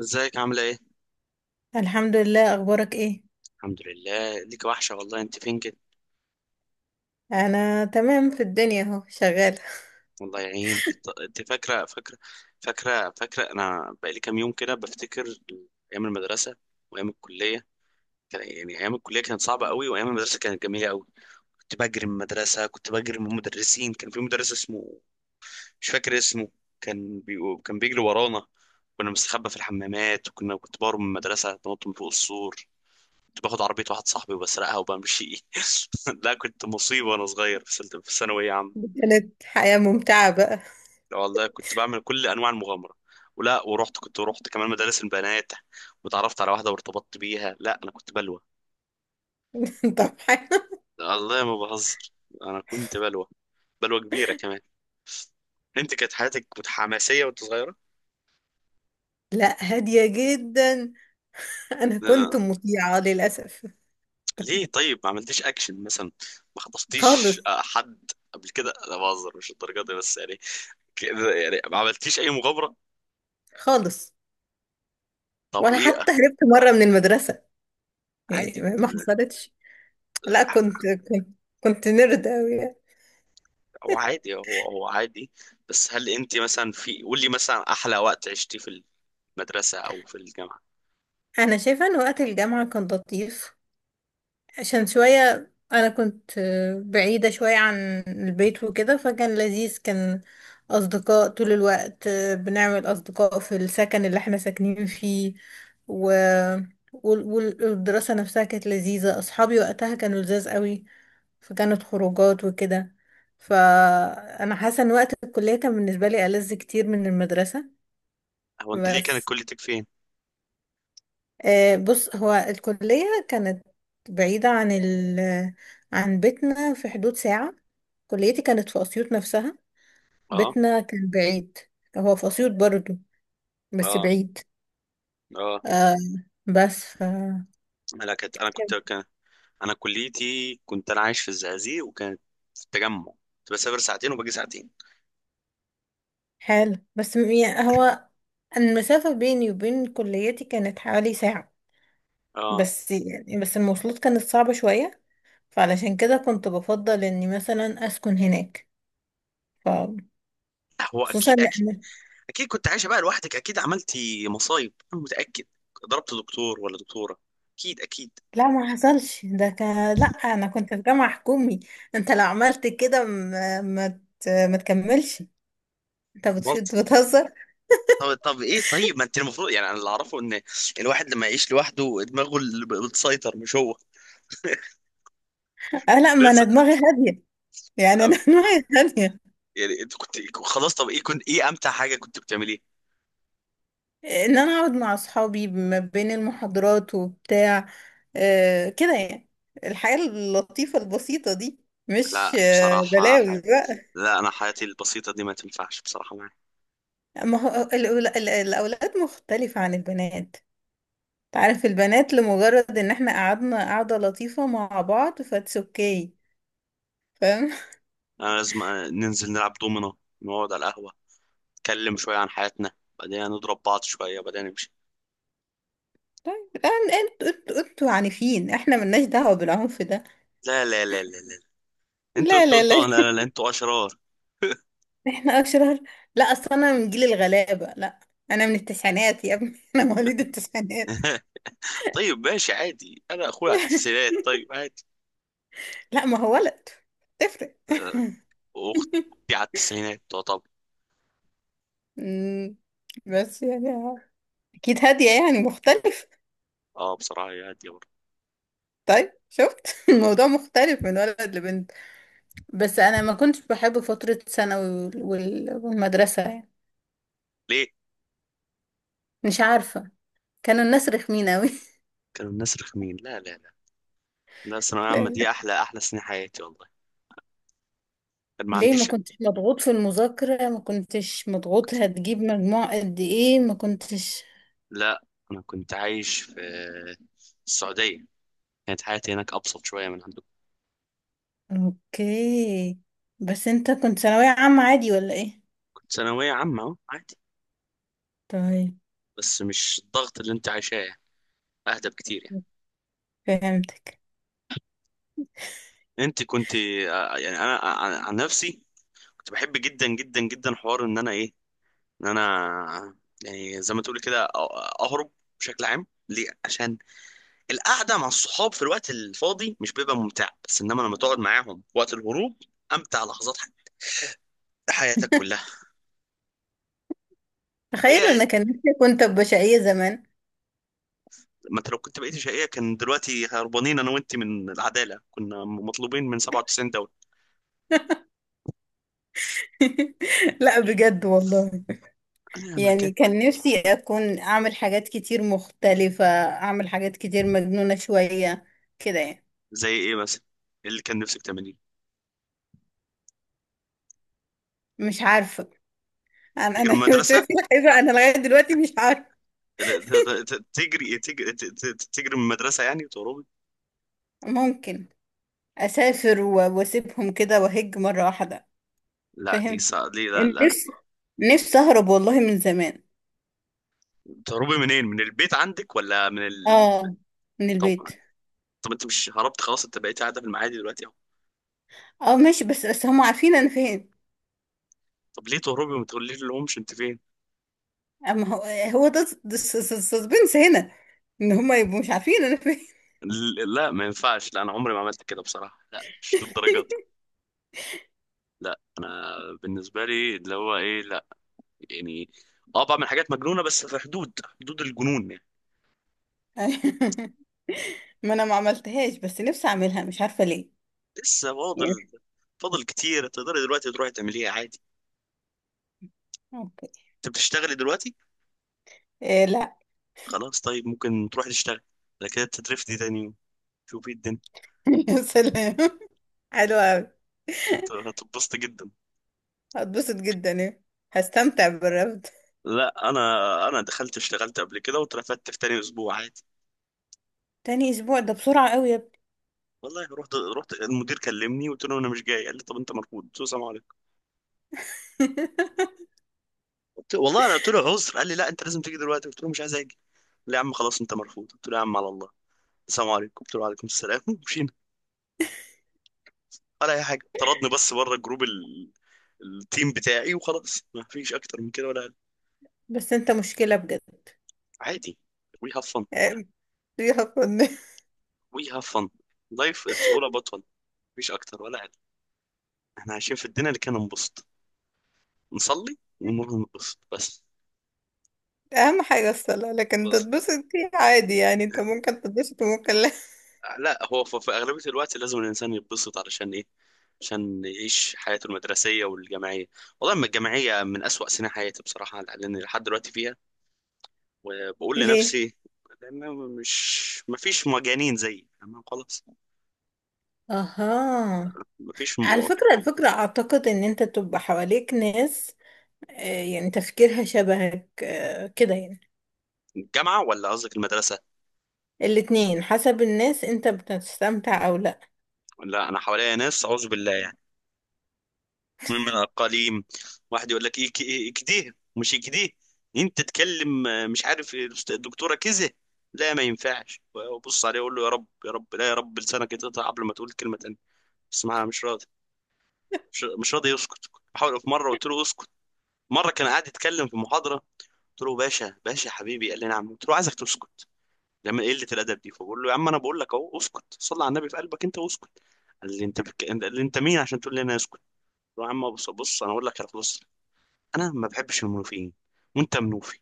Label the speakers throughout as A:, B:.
A: ازيك؟ عاملة ايه؟
B: الحمد لله. اخبارك ايه؟
A: الحمد لله، ليك وحشة والله. انت فين كده؟
B: انا تمام في الدنيا اهو شغاله.
A: والله يعينك. انت فاكرة فاكرة؟ انا بقالي كام يوم كده بفتكر ايام المدرسة وايام الكلية. يعني ايام الكلية كانت صعبة قوي، وايام المدرسة كانت جميلة قوي. كنت بجري من المدرسة، كنت بجري من المدرسين. كان في مدرس اسمه، مش فاكر اسمه، كان بي... كان بيجري ورانا. كنا مستخبى في الحمامات، كنت بهرب من المدرسة، بنط من فوق السور. كنت باخد عربية واحد صاحبي وبسرقها وبمشي. لا، كنت مصيبة وأنا صغير في في ثانوية عامة.
B: كانت حياه ممتعه بقى.
A: والله كنت بعمل كل أنواع المغامرة. ولا ورحت كنت ورحت كمان مدارس البنات وتعرفت على واحدة وارتبطت بيها. لا أنا كنت بلوى،
B: طبعا.
A: والله ما بهزر. أنا كنت بلوى، بلوى كبيرة كمان. أنت كانت حياتك، كنت حماسية وأنت صغيرة؟
B: لا، هاديه جدا. انا كنت
A: لا.
B: مطيعه للاسف.
A: ليه؟ طيب ما عملتيش أكشن مثلا؟ ما خطفتيش
B: خالص.
A: حد قبل كده؟ لا بهزر، مش الدرجة دي بس يعني. كده يعني ما عملتيش أي مغامرة؟
B: خالص.
A: طب
B: وانا
A: إيه؟
B: حتى هربت مره من المدرسه، يعني
A: عادي،
B: ما حصلتش. لا، كنت كنت نرد قوي.
A: هو عادي، هو عادي. بس هل انت مثلا، في قول لي مثلا احلى وقت عشتي في المدرسه او في الجامعه؟
B: انا شايفه ان وقت الجامعه كان لطيف، عشان شوية أنا كنت بعيدة شوية عن البيت وكده، فكان لذيذ. كان أصدقاء طول الوقت، بنعمل أصدقاء في السكن اللي احنا ساكنين فيه و... والدراسة نفسها كانت لذيذة. أصحابي وقتها كانوا لذاذ قوي، فكانت خروجات وكده. فأنا حاسة إن وقت الكلية كان بالنسبة لي ألذ كتير من المدرسة.
A: هو انت ليه، كانت
B: بس
A: كليتك فين؟
B: بص، هو الكلية كانت بعيدة عن عن بيتنا، في حدود ساعة. كليتي كانت في أسيوط نفسها.
A: اه.
B: بيتنا كان بعيد، هو في أسيوط برضو بس
A: اه.
B: بعيد.
A: اه.
B: آه، بس ف
A: انا كنت انا كنت
B: كان
A: كان انا كليتي كنت، انا عايش في الزقازيق وكانت في التجمع. كنت بسافر ساعتين وباجي ساعتين.
B: حلو، يعني هو المسافة بيني وبين كليتي كانت حوالي ساعة.
A: اه.
B: بس يعني بس المواصلات كانت صعبة شوية، فعلشان كده كنت بفضل إني مثلا أسكن هناك. ف
A: هو
B: خصوصا
A: اكيد اكيد.
B: لأن،
A: اكيد كنت عايشه بقى لوحدك، اكيد عملتي مصايب انا متاكد. ضربت دكتور ولا دكتوره؟ اكيد اكيد.
B: لا ما حصلش ده. كان لا، انا كنت في جامعة حكومي، انت لو عملت كده ما ما ما تكملش. انت بتهزر.
A: طب طب ايه، طيب ما انت المفروض يعني، انا اللي اعرفه ان الواحد لما يعيش لوحده دماغه اللي بتسيطر مش هو.
B: اه لا، ما
A: بس
B: انا دماغي هادية، يعني
A: لا،
B: انا دماغي هادية.
A: يعني انت كنت خلاص. طب ايه كنت، ايه امتع حاجه كنت بتعمليه؟
B: ان انا اقعد مع اصحابي ما بين المحاضرات وبتاع، آه كده يعني، الحياة اللطيفة البسيطة دي. مش
A: لا
B: آه
A: بصراحه
B: بلاوي
A: حي...
B: بقى.
A: لا انا حياتي البسيطه دي ما تنفعش بصراحه معايا.
B: ما هو الاولاد مختلفة عن البنات. تعرف، البنات لمجرد ان احنا قعدنا قعدة لطيفة مع بعض فاتس اوكي، فاهم؟
A: انا لازم ننزل نلعب دومينو، نقعد على القهوه، نتكلم شويه عن حياتنا، بعدين نضرب بعض شويه، بعدين نمشي.
B: طيب، انتوا انتوا عنيفين، احنا ملناش دعوة بالعنف ده.
A: لا لا لا لا لا. انتوا
B: لا
A: انتوا
B: لا
A: انتوا،
B: لا،
A: لا لا لا، انتوا اشرار.
B: احنا اشرار؟ لا اصل انا من جيل الغلابة، لا انا من التسعينات يا ابني، انا مواليد التسعينات.
A: طيب ماشي عادي، انا اخويا على التسعينات طيب عادي.
B: لا، ما هو ولد، تفرق.
A: واختي على التسعينات تعتبر.
B: أمم، بس يعني آه، اكيد هادية يعني مختلف.
A: اه بصراحه هي هاديه برضه.
B: طيب شفت، الموضوع مختلف من ولد لبنت. بس انا ما كنتش بحب فترة ثانوي والمدرسة يعني.
A: ليه؟
B: مش عارفة، كانوا الناس رخمين اوي.
A: كانوا الناس رخمين؟ لا لا لا. لا الثانويه العامه
B: لا،
A: دي احلى، احلى سنين حياتي والله. كان ما
B: ليه؟ ما
A: عنديش.
B: كنتش مضغوط في المذاكرة؟ ما كنتش مضغوط هتجيب مجموع قد ايه؟ ما كنتش.
A: لا انا كنت عايش في السعوديه، كانت حياتي هناك ابسط شويه من عندكم.
B: اوكي، بس انت كنت ثانوية عامة عادي ولا ايه؟
A: كنت ثانويه عامه أهو، عادي.
B: طيب،
A: بس مش الضغط اللي انت عايشاه يعني. اهدى بكتير يعني.
B: فهمتك.
A: انت كنت يعني انا عن نفسي كنت بحب جدا جدا جدا حوار ان انا ايه، ان انا يعني زي ما تقولي كده اهرب بشكل عام. ليه؟ عشان القعده مع الصحاب في الوقت الفاضي مش بيبقى ممتع، بس انما لما تقعد معاهم وقت الهروب، امتع لحظات حياتك كلها.
B: تخيل،
A: هي.
B: انا كان نفسي كنت بشقية زمان.
A: ما انت لو كنت بقيت شقيه، كان دلوقتي هربانين انا وانت من العداله، كنا مطلوبين من 97 دوله.
B: لا بجد والله،
A: لا ما كان.
B: يعني كان نفسي اكون اعمل حاجات كتير مختلفة، اعمل حاجات كتير مجنونة شوية، كده يعني.
A: زي ايه مثلا اللي كان نفسك تعمليه؟
B: مش عارفة، انا
A: تجري من
B: انا
A: المدرسه،
B: شايفة انا لغاية دلوقتي مش عارفة.
A: ت- تجري من المدرسه يعني وتهربي.
B: ممكن واسيبهم كده واهج مره واحده،
A: لا دي
B: فاهم؟
A: صع... دي لا لا.
B: نفسي، نفسي اهرب والله من زمان.
A: تهربي منين؟ من البيت عندك ولا من ال...
B: اه، من
A: طب
B: البيت.
A: طب انت مش هربت خلاص، انت بقيت قاعده في المعادي دلوقتي؟
B: اه ماشي، بس بس هم عارفين انا فين.
A: طب ليه تهربي وما تقوليش لهمش انت فين؟
B: اما هو، هو ده السسبنس هنا، ان هم يبقوا مش عارفين انا فين.
A: لا ما ينفعش. لا انا عمري ما عملت كده بصراحه، لا مش دي الدرجه دي. لا انا بالنسبه لي اللي هو ايه، لا يعني اه بعمل حاجات مجنونه بس في حدود، حدود الجنون يعني.
B: ما انا ما عملتهاش، بس نفسي اعملها مش عارفه ليه.
A: لسه فاضل.
B: يعني
A: فاضل كتير، تقدري دلوقتي تروحي تعمليها عادي.
B: اوكي.
A: انت بتشتغلي دلوقتي؟
B: إيه؟ لا.
A: خلاص طيب ممكن تروحي تشتغلي، بعد كده تترفدي تاني يوم. شوفي الدنيا.
B: يا سلام، حلوة أوي.
A: هتتبسطي جدا.
B: هتبسط جدا إيه! هستمتع بالرفض.
A: لا انا، انا دخلت اشتغلت قبل كده واترفدت في تاني اسبوع عادي.
B: تاني اسبوع ده بسرعه قوي يا.
A: والله رحت، رحت المدير كلمني قلت له انا مش جاي، قال لي طب انت مرفوض، قلت له السلام عليكم. قلت والله انا، قلت له عذر، قال لي لا انت لازم تيجي دلوقتي، قلت له مش عايز اجي. قال لي يا عم خلاص انت مرفوض، قلت له يا عم على الله، السلام عليكم، قلت له وعليكم السلام ومشينا. ولا اي حاجه، طردني بس بره التيم بتاعي، وخلاص ما فيش اكتر من كده ولا اقل.
B: بس انت مشكلة بجد
A: عادي. وي هاف فن.
B: يعني، فيها فن.
A: وي هاف فن. لايف اتس اول اباوت فن. مفيش اكتر ولا اقل. احنا عايشين في الدنيا اللي كان ننبسط، نصلي ونروح ننبسط بس.
B: اهم حاجة الصلاة، لكن
A: بس
B: تتبسط فيه عادي يعني، انت ممكن تتبسط وممكن لا.
A: لا هو في أغلبية الوقت لازم الإنسان يتبسط علشان إيه؟ عشان يعيش حياته المدرسية والجامعية. والله أما الجامعية من أسوأ سنين حياتي بصراحة، لأن لحد دلوقتي فيها وبقول
B: ليه؟
A: لنفسي، لأن مش مفيش مجانين زيي تمام خلاص.
B: اها.
A: مفيش
B: على
A: م...
B: فكرة، الفكرة اعتقد ان انت تبقى حواليك ناس، آه، يعني تفكيرها شبهك، كده يعني.
A: الجامعة ولا قصدك المدرسة؟
B: الاتنين، حسب الناس انت بتستمتع او لا.
A: لا أنا حواليا ناس أعوذ بالله يعني، من الأقاليم. واحد يقول لك إيه، إيه كده مش كده، أنت تتكلم مش عارف إيه، الدكتورة كذا. لا ما ينفعش، وأبص عليه أقول له يا رب يا رب، لا يا رب لسانك يتقطع قبل ما تقول كلمة تانية. بس ما مش راضي، مش راضي يسكت. بحاول، في مرة قلت له اسكت. مرة كان قاعد يتكلم في محاضرة، قلت له باشا باشا حبيبي، قال لي نعم، قلت له عايزك تسكت. لما قلة الأدب دي، فبقول له يا عم أنا بقول لك أهو اسكت، صلي على النبي في قلبك أنت واسكت. قال لي أنت بك... قال لي أنت مين عشان تقول لي أنا اسكت، قلت له يا عم بص بص، أنا أقول لك خلاص، انا ما بحبش المنوفيين وانت منوفي،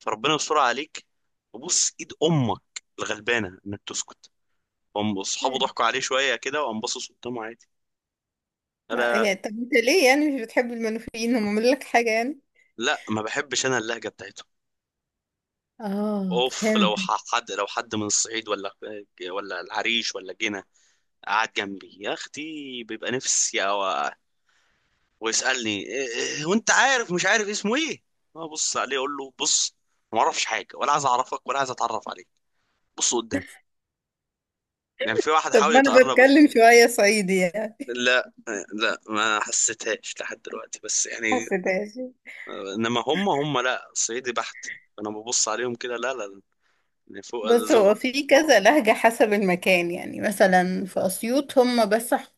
A: فربنا يستر عليك، وبص ايد امك الغلبانه انك تسكت. هم اصحابه ضحكوا عليه شويه كده، وقام باصص قدامه عادي.
B: لا
A: انا
B: هي، طب انت ليه يعني مش بتحب المنوفيين؟ هم عملوا لك حاجة يعني؟
A: لا، ما بحبش انا اللهجه بتاعتهم.
B: اه،
A: اوف لو
B: فهمتك.
A: حد، لو حد من الصعيد ولا ولا العريش ولا جنة قعد جنبي يا اختي، بيبقى نفسي أو... ويسالني إيه، إيه وانت عارف، مش عارف اسمه ايه، ابص عليه اقول له بص، ما اعرفش حاجه ولا عايز اعرفك ولا عايز اتعرف عليك، بص قدام. يعني في واحد
B: طب
A: حاول
B: ما انا
A: يتقرب.
B: بتكلم شوية صعيدي يعني،
A: لا لا، ما حسيتهاش لحد دلوقتي بس يعني،
B: حسداسي.
A: انما هم، لا صعيدي بحت انا ببص عليهم كده لا لا، يعني فوق
B: بص،
A: لازم.
B: هو في كذا لهجة حسب المكان. يعني مثلا في أسيوط هم بس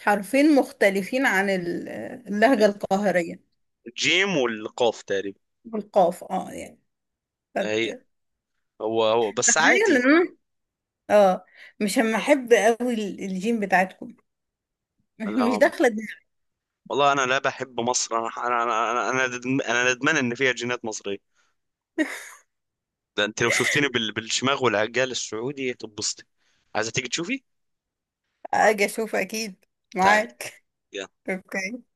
B: حرفين مختلفين عن اللهجة القاهرية.
A: الجيم والقاف تقريبا.
B: بالقاف اه يعني،
A: هي.
B: فت-
A: هو بس
B: تخيل ان
A: عادي.
B: انا، اه، مش هم احب قوي الجيم بتاعتكم.
A: لا
B: مش
A: هم،
B: داخلة دماغي.
A: والله انا لا بحب مصر. أنا ندمان ان فيها جينات مصريه. ده انت لو شفتني بالشماغ والعجال السعودي هتتبسطي. عايزه تيجي تشوفي؟
B: اجي اشوف اكيد،
A: تعالي،
B: معاك.
A: يلا.
B: اوكي.